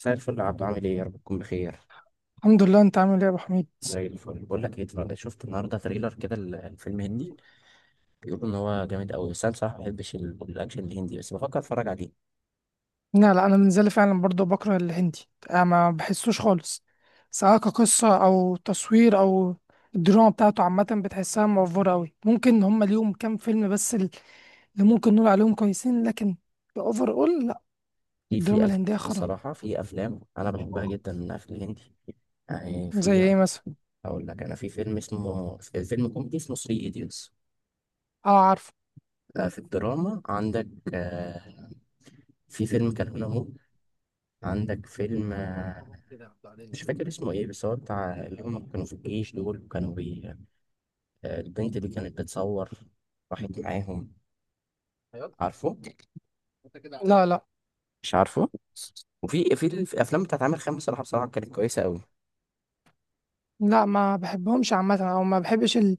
مساء الفل يا عبدو، عامل ايه؟ يا رب تكون بخير. الحمد لله، انت عامل ايه يا ابو حميد؟ زي الفل. بقول لك ايه، شفت النهارده تريلر كده الفيلم هندي. بيقولوا ان هو جامد قوي، بس انا بصراحه ما بحبش الاكشن الهندي، بس بفكر اتفرج عليه. لا، لا، انا بالنسبه فعلا برضه بكره الهندي، انا ما بحسوش خالص، سواء كقصه او تصوير، او الدراما بتاعته عامه بتحسها موفره قوي. ممكن هم ليهم كام فيلم بس اللي ممكن نقول عليهم كويسين، لكن اوفر اول لا. في في الدراما أف... الهنديه خرا. الصراحه في افلام انا بحبها جدا في الهندي، يعني زي في. ايه مثلا؟ اقول لك، انا في فيلم اسمه، فيلم كوميدي اسمه 3 ايديوتس. اه، عارفه. في الدراما عندك، آه، في فيلم كان هنا، هو عندك فيلم، مش فاكر اسمه ايه، بس هو بتاع اللي هم كانوا في الجيش دول، وكانوا البنت دي كانت بتصور، راحت معاهم. عارفه؟ لا، لا، مش عارفه. وفي الافلام بتاعت عامر خان، بصراحه كانت كويسه قوي. لا، ما بحبهمش عامه، او ما بحبش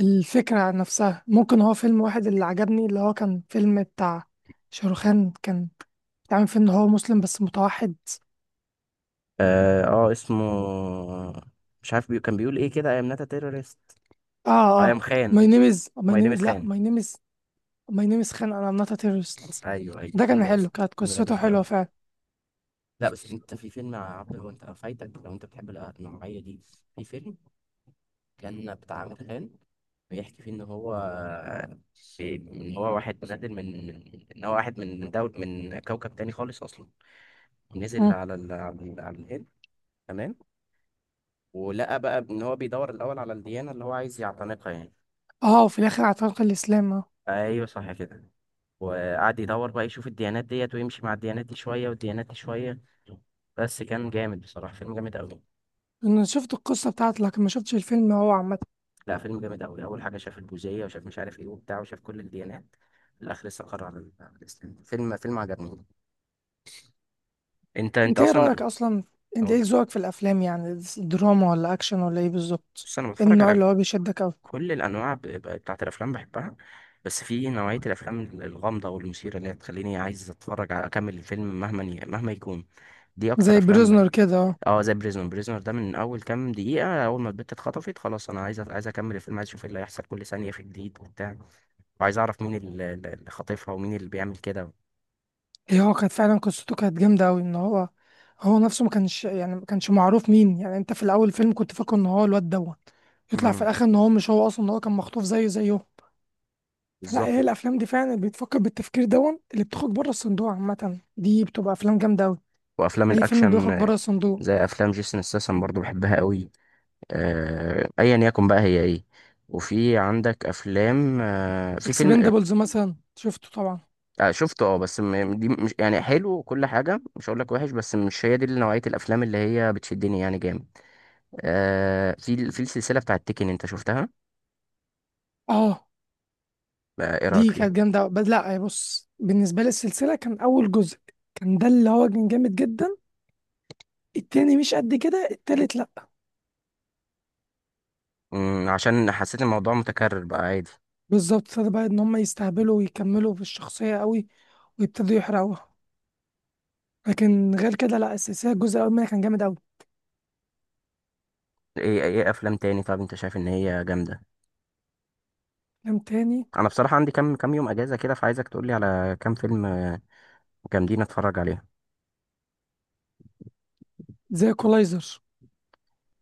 الفكرة نفسها. ممكن هو فيلم واحد اللي عجبني، اللي هو كان فيلم بتاع شاروخان، كان تعمل فيه ان هو مسلم بس متوحد. اه، اسمه، مش عارف بي... كان بيقول ايه كده: اي ام ناتا تيرورست، اه، اي ام اه. ماي خان. نيم از ماي ماي نيم نيم از لا خان. ماي نيم از خان انا ام نوت تيرورست. ايوه ايوه، ده الفيلم كان ده حلو، كانت الفيلم ده قصته جامد حلوه قوي. فعلا. لا، بس انت في فيلم يا عبد، هو انت فايتك لو انت بتحب النوعيه دي. في فيلم كان بتاع امتحان، بيحكي فيه ان هو، ان هو واحد نازل ان هو واحد من دول، من كوكب تاني خالص اصلا، ونزل مم. على الهند. تمام. ولقى بقى ان هو بيدور الاول على الديانه اللي هو عايز يعتنقها يعني. اه، وفي الاخر اعتنق الاسلام، اه. ايوه صح كده. وقعد يدور بقى يشوف الديانات ديت، ويمشي مع الديانات دي شويه والديانات دي شويه، بس كان جامد بصراحه، فيلم جامد قوي. انا شفت القصه بتاعته لكن ما شفتش الفيلم هو عامه. لا، فيلم جامد قوي. اول حاجه شاف البوذيه، وشاف مش عارف ايه وبتاع، وشاف كل الديانات. في الاخر لسه قرر على الاسلام. فيلم عجبني. انت انت ايه اصلا. رايك اصلا؟ انت أو- ايه ذوقك في الافلام، يعني دراما ولا اكشن ولا ايه بالظبط؟ بص، انا إيه بتفرج النوع على اللي هو بيشدك اوي؟ كل الانواع، بتاعت الافلام بحبها، بس في نوعيه الافلام الغامضه والمثيره اللي هي تخليني عايز اتفرج على، اكمل الفيلم مهما يكون. دي اكتر زي افلام بريزنر بحب. كده، اه. اه، زي بريزونر، ده من اول كام دقيقه، اول ما البت اتخطفت خلاص انا عايز، عايز اكمل الفيلم، عايز اشوف ايه اللي هيحصل. كل ثانيه في جديد وبتاع، وعايز اعرف مين اللي خاطفها، ومين اللي بيعمل كده. هي هو كانت فعلا قصته كانت جامدة أوي، إن هو هو نفسه ما كانش، يعني ما كانش معروف مين. يعني أنت في الأول الفيلم كنت فاكره إن هو الواد دوت، يطلع في مم. الآخر إن هو مش هو أصلا، إن هو كان مخطوف زيه زيه. فلا، هي بالظبط. الأفلام دي فعلا اللي بتفكر بالتفكير دون، اللي بتخرج بره الصندوق عامة، دي بتبقى أفلام جامدة أوي. وافلام أي فيلم الاكشن، بيخرج بره الصندوق. زي افلام جيسون ستاثام برضو بحبها قوي. ايا يكن بقى، هي ايه. وفي عندك افلام آه، في فيلم آه، إكسبندابلز مثلا شفته طبعا. آه، شفته اه، بس دي مش يعني حلو وكل حاجه، مش هقول لك وحش، بس مش هي دي نوعيه الافلام اللي هي بتشدني يعني جامد. في السلسله بتاعت تيكن، انت شفتها؟ أه، ايه رايك دي فيها؟ كانت جامدة أوي، بس لا بص، بالنسبة لي السلسلة كان أول جزء كان ده اللي هو كان جامد جدا. التاني مش قد كده، التالت لا. مم، عشان حسيت الموضوع متكرر بقى عادي. بالظبط، ابتدى بقى ان هم يستهبلوا ويكملوا في الشخصيه قوي، ويبتدوا يحرقوها. لكن غير كده لا، السلسله الجزء الاول منها كان جامد قوي. ايه ايه، افلام تاني، طب انت شايف ان هي جامده؟ فيلم تاني. انا بصراحه عندي كام كام يوم اجازه كده، فعايزك تقولي على كام فيلم جامدين اتفرج عليهم. زي كولايزر.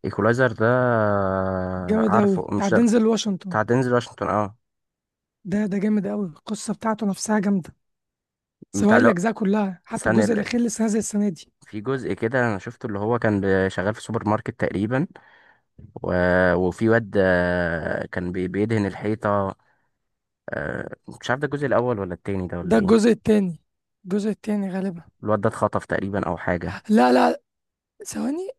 ايكولايزر ده، جامد قوي، عارفه بتاع مش ده دينزل واشنطن. بتاع دينزل واشنطن؟ اه. ده جامد قوي، القصه بتاعته نفسها جامده، بتاع، سواء لو الاجزاء كلها حتى سنة الجزء ال- الاخير اللي لسه نازل السنه دي. في جزء كده انا شفته، اللي هو كان شغال في سوبر ماركت تقريبا، و... وفي واد كان بيدهن الحيطة، آه، مش عارف ده الجزء الاول ولا التاني ده ولا ده ايه. الجزء التاني، الجزء التاني غالبا. الواد ده اتخطف تقريبا، او حاجة. لا، لا، ثواني.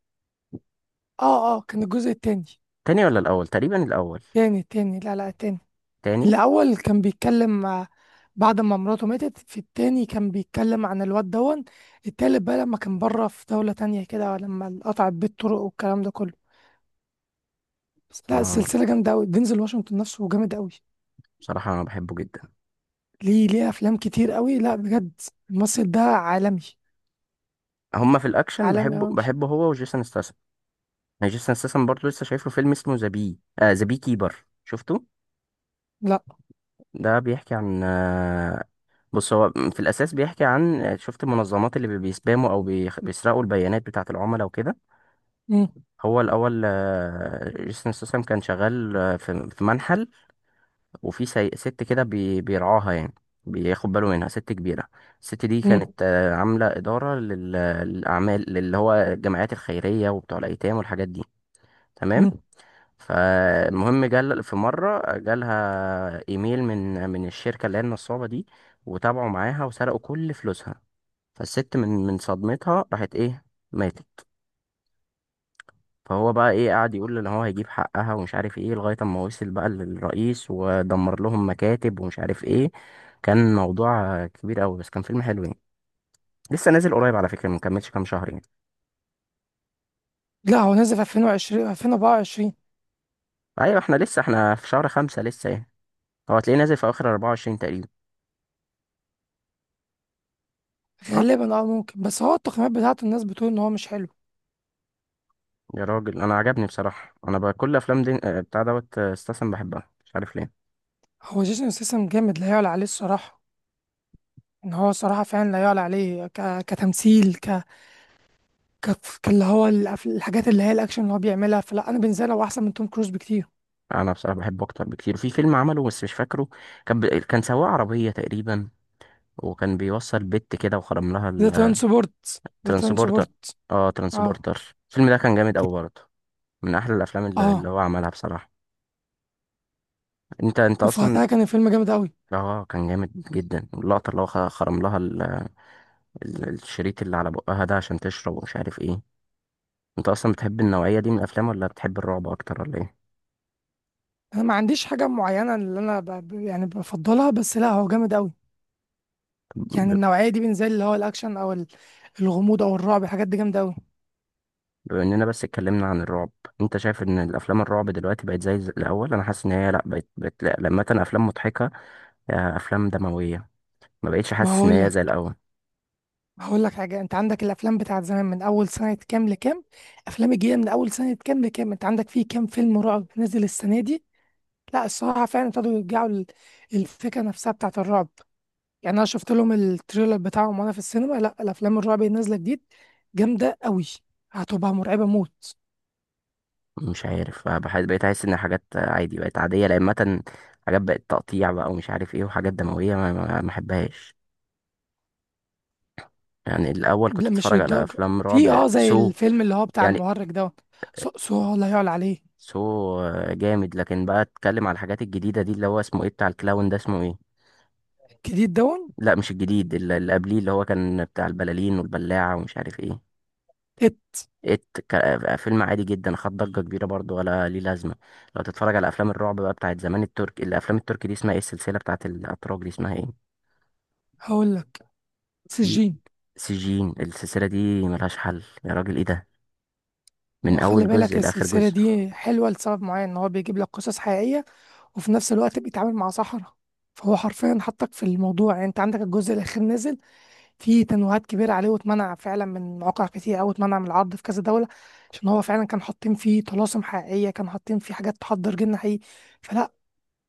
اه، اه، كان الجزء التاني. تاني ولا الاول؟ تقريبا الاول. تاني، تاني، لا، لا، التاني. تاني. الأول كان بيتكلم بعد ما مراته ماتت. في التاني كان بيتكلم عن الواد دون. التالت بقى لما كان بره في دولة تانية كده، لما قطعت بيه الطرق والكلام ده كله. بس لا، اه، السلسلة جامدة أوي، دينزل واشنطن نفسه جامد أوي. بصراحة انا بحبه جدا. ليه، ليه أفلام كتير أوي، لا بجد. الممثل ده عالمي. هما في الاكشن، عالمي بحبه أوي. بحبه هو وجيسون ستاثام. يعني جيسون ستاثام برضه، لسه شايف له فيلم اسمه ذا بي كيبر، شفته؟ لا. ده بيحكي عن، بص هو في الأساس بيحكي عن، شفت المنظمات اللي بيسباموا أو بيسرقوا البيانات بتاعة العملاء وكده. مم. هو الأول جيسون ستاثام كان شغال في منحل، وفي ست كده بيرعاها يعني، بياخد باله منها، ست كبيرة. الست دي مم. كانت عاملة إدارة للأعمال، اللي هو الجمعيات الخيرية وبتوع الأيتام والحاجات دي. تمام. مم. فالمهم جال في مرة، جالها إيميل من الشركة اللي هي النصابة دي، وتابعوا معاها وسرقوا كل فلوسها. فالست من صدمتها راحت ايه، ماتت. فهو بقى ايه، قعد يقول ان هو هيجيب حقها ومش عارف ايه، لغاية اما وصل بقى للرئيس، ودمر لهم مكاتب ومش عارف ايه. كان موضوع كبير قوي، بس كان فيلم حلو يعني. لسه نازل قريب على فكرة، مكملش كام شهر يعني. لا، هو نازل في 2020 2024 ايوه، احنا لسه في شهر خمسة لسه يعني. هو هتلاقيه نازل في اخر 24 تقريبا. صح. غالبا. اه، ممكن، بس هو التقييمات بتاعته الناس بتقول ان هو مش حلو. يا راجل، انا عجبني بصراحة. انا بقى كل افلام دي، بتاع دوت، استسلم، بحبها مش عارف ليه. هو جيسون سيسم جامد، لا يعلى عليه الصراحة. ان هو صراحه فعلا لا يعلى عليه كتمثيل، ك... كاللي هو الحاجات اللي هي الاكشن اللي هو بيعملها. فلا انا بالنسبه لي هو احسن من توم كروز بكتير. انا بصراحة بحبه اكتر بكتير. في فيلم عمله بس مش فاكره، كان سواق عربية تقريبا، وكان بيوصل بت كده وخرم لها. ذا ترانسبورت، ذا الترانسبورتر. ترانسبورت اه، اه، ترانسبورتر، الفيلم ده كان جامد أوي برضه. من أحلى الأفلام اللي اه. هو عملها بصراحة. أنت أصلا. وفاتها، كان الفيلم جامد قوي. اه، كان جامد جدا. اللقطة اللي هو خرم لها الشريط اللي على بقها ده عشان تشرب، ومش عارف ايه. أنت أصلا بتحب النوعية دي من الأفلام، ولا بتحب الرعب أكتر، ولا ايه؟ انا ما عنديش حاجه معينه اللي انا يعني بفضلها، بس لا هو جامد قوي. يعني ب- النوعيه دي بالنسبه لي اللي هو الاكشن، او الغموض او الرعب، الحاجات دي جامده قوي. بما إننا بس اتكلمنا عن الرعب، أنت شايف إن الأفلام الرعب دلوقتي بقت زي الأول؟ أنا حاسس إن هي لأ، بقت لأ، لما كان أفلام مضحكة، أفلام دموية، ما بقتش ما حاسس إن هي هقول زي الأول. هقول لك حاجة. انت عندك الافلام بتاعت زمان من اول سنة كام لكام، افلام الجديدة من اول سنة كام لكام. انت عندك فيه كام فيلم رعب نزل السنة دي؟ لا الصراحة، فعلا ابتدوا يرجعوا الفكرة نفسها بتاعت الرعب. يعني انا شفت لهم التريلر بتاعهم وانا في السينما، لا الافلام الرعب اللي نازلة جديد جامدة قوي، هتبقى مرعبة موت. مش عارف، بحس بقيت احس ان حاجات عادي بقت عاديه، لان مثلا حاجات بقت تقطيع بقى ومش عارف ايه، وحاجات دمويه ما احبهاش. يعني الاول كنت لا مش اتفرج على للدرجة. افلام في رعب اه، زي الفيلم اللي هو بتاع يعني المهرج دوت، سوء، سوء، لا يعلى عليه. سو جامد. لكن بقى اتكلم على الحاجات الجديده دي، اللي هو اسمه ايه بتاع الكلاون ده اسمه ايه؟ جديد دون. لا مش الجديد، اللي قبليه اللي هو كان بتاع البلالين والبلاعه ومش عارف ايه. ات. ات. فيلم عادي جدا، خد ضجه كبيره برضو ولا ليه لازمه. لو تتفرج على افلام الرعب بقى بتاعت زمان، الترك، الافلام التركي دي اسمها ايه، السلسله بتاعت الاتراك دي اسمها ايه؟ هقول لك، في سجين. سجين، السلسلة دي ملهاش حل يا راجل، ايه ده؟ من ما خلي أول بالك جزء لآخر السلسلة جزء. دي حلوة لسبب معين، إن هو بيجيب لك قصص حقيقية، وفي نفس الوقت بيتعامل مع سحرة. فهو حرفيا حطك في الموضوع. يعني أنت عندك الجزء الأخير نزل فيه تنويهات كبيرة عليه، واتمنع فعلا من مواقع كتير، أو اتمنع من العرض في كذا دولة، عشان هو فعلا كان حاطين فيه طلاسم حقيقية، كان حاطين فيه حاجات تحضر جن حقيقي. فلا،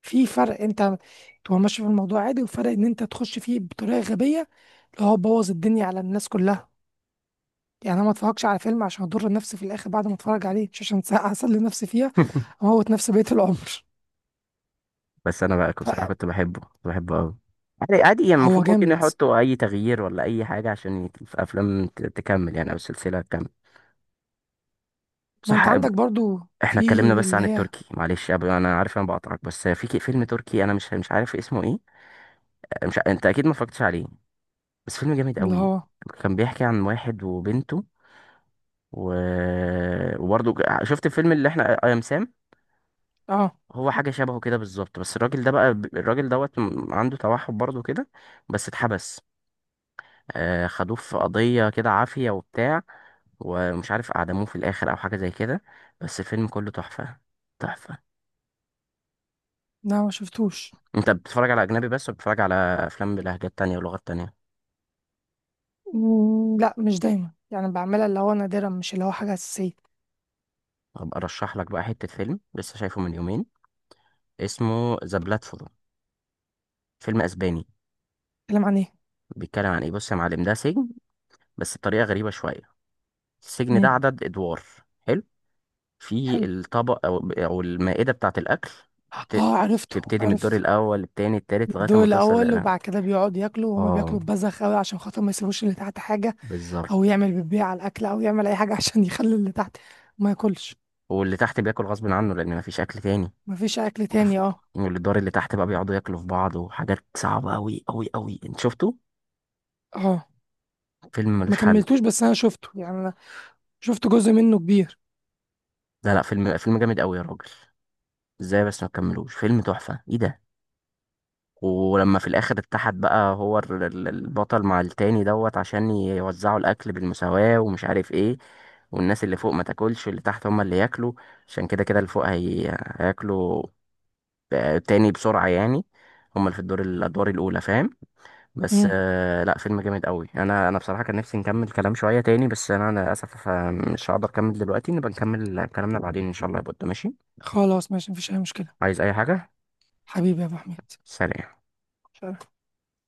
في فرق أنت تبقى ماشي في الموضوع عادي، وفرق إن أنت تخش فيه بطريقة غبية، اللي هو بوظ الدنيا على الناس كلها. يعني انا ما اتفرجش على فيلم عشان اضر نفسي في الاخر بعد ما اتفرج عليه، مش عشان ساعة اسلي نفسي فيها اموت نفسي بقية العمر. بس أنا بقى بصراحة كنت بحبه، كنت بحبه أوي. عادي عادي يعني، فهو المفروض ممكن جامد. يحطوا أي تغيير ولا أي حاجة عشان في أفلام تكمل يعني، أو السلسلة تكمل. ما صح. انت عندك برضو. احنا في اتكلمنا بس اللي عن هي، التركي، معلش انا عارف انا بقطعك، بس في فيلم تركي انا مش عارف اسمه ايه، مش ع- انت اكيد ما اتفرجتش عليه، بس فيلم جامد اللي قوي. هو كان بيحكي عن واحد وبنته، و... وبرضه شفت الفيلم اللي احنا اي ام سام. اه، هو حاجة شبهه كده بالظبط، بس الراجل ده بقى الراجل دوت عنده توحد برضه كده، بس اتحبس. خدوه في قضية كده عافية وبتاع، ومش عارف أعدموه في الآخر أو حاجة زي كده، بس الفيلم كله تحفة. تحفة. لا ما شفتوش. أنت بتتفرج على أجنبي بس، ولا بتتفرج على أفلام بلهجات تانية ولغات تانية؟ مم، لا مش دايما، يعني بعملها اللي هو نادرا، مش اللي هو حاجة أساسية. هبقى أرشح لك بقى حتة فيلم لسه شايفه من يومين، اسمه ذا بلاتفورم، فيلم أسباني. اتكلم عن ايه؟ بيتكلم عن إيه؟ بص يا معلم، ده سجن، بس بطريقة غريبة شوية. السجن ده مم. عدد أدوار. حلو؟ في حلو. الطبق او المائده بتاعه الاكل، بت... اه، عرفته، بتبتدي من الدور عرفته. الاول، التاني، التالت، لغايه الدور ما توصل الأول، وبعد كده بيقعدوا ياكلوا وهما اه، بياكلوا ببذخ أوي عشان خاطر ما يسيبوش اللي تحت حاجة، بالظبط. أو يعمل بيبيع على الأكل، أو يعمل أي حاجة عشان يخلي اللي تحت ما ياكلش. واللي تحت بياكل غصب عنه لان مفيش اكل تاني. مفيش اكل وف- تاني، اه. واللي الدور اللي تحت بقى بيقعدوا ياكلوا في بعض، وحاجات صعبه قوي قوي قوي، انت شفته؟ اه، فيلم ما ملوش حل. كملتوش، بس انا شفته يعني، انا شفت جزء منه كبير. لا لا، فيلم جامد قوي يا راجل، ازاي بس ما تكملوش فيلم تحفه ايه ده؟ ولما في الاخر اتحد بقى هو البطل مع التاني دوت عشان يوزعوا الاكل بالمساواة ومش عارف ايه، والناس اللي فوق ما تاكلش، واللي تحت هما اللي ياكلوا، عشان كده كده اللي فوق هياكلوا تاني بسرعة يعني، هما اللي في الادوار الاولى، فاهم؟ بس امم. آه، لا فيلم جامد قوي. انا بصراحة كان نفسي نكمل كلام شوية تاني، بس انا للاسف مش هقدر اكمل دلوقتي، نبقى نكمل كلامنا بعدين ان شاء الله يا بود. ماشي؟ خلاص، ماشي، مفيش اي مشكله. عايز اي حاجة؟ حبيبي يا ابو حميد. سلام.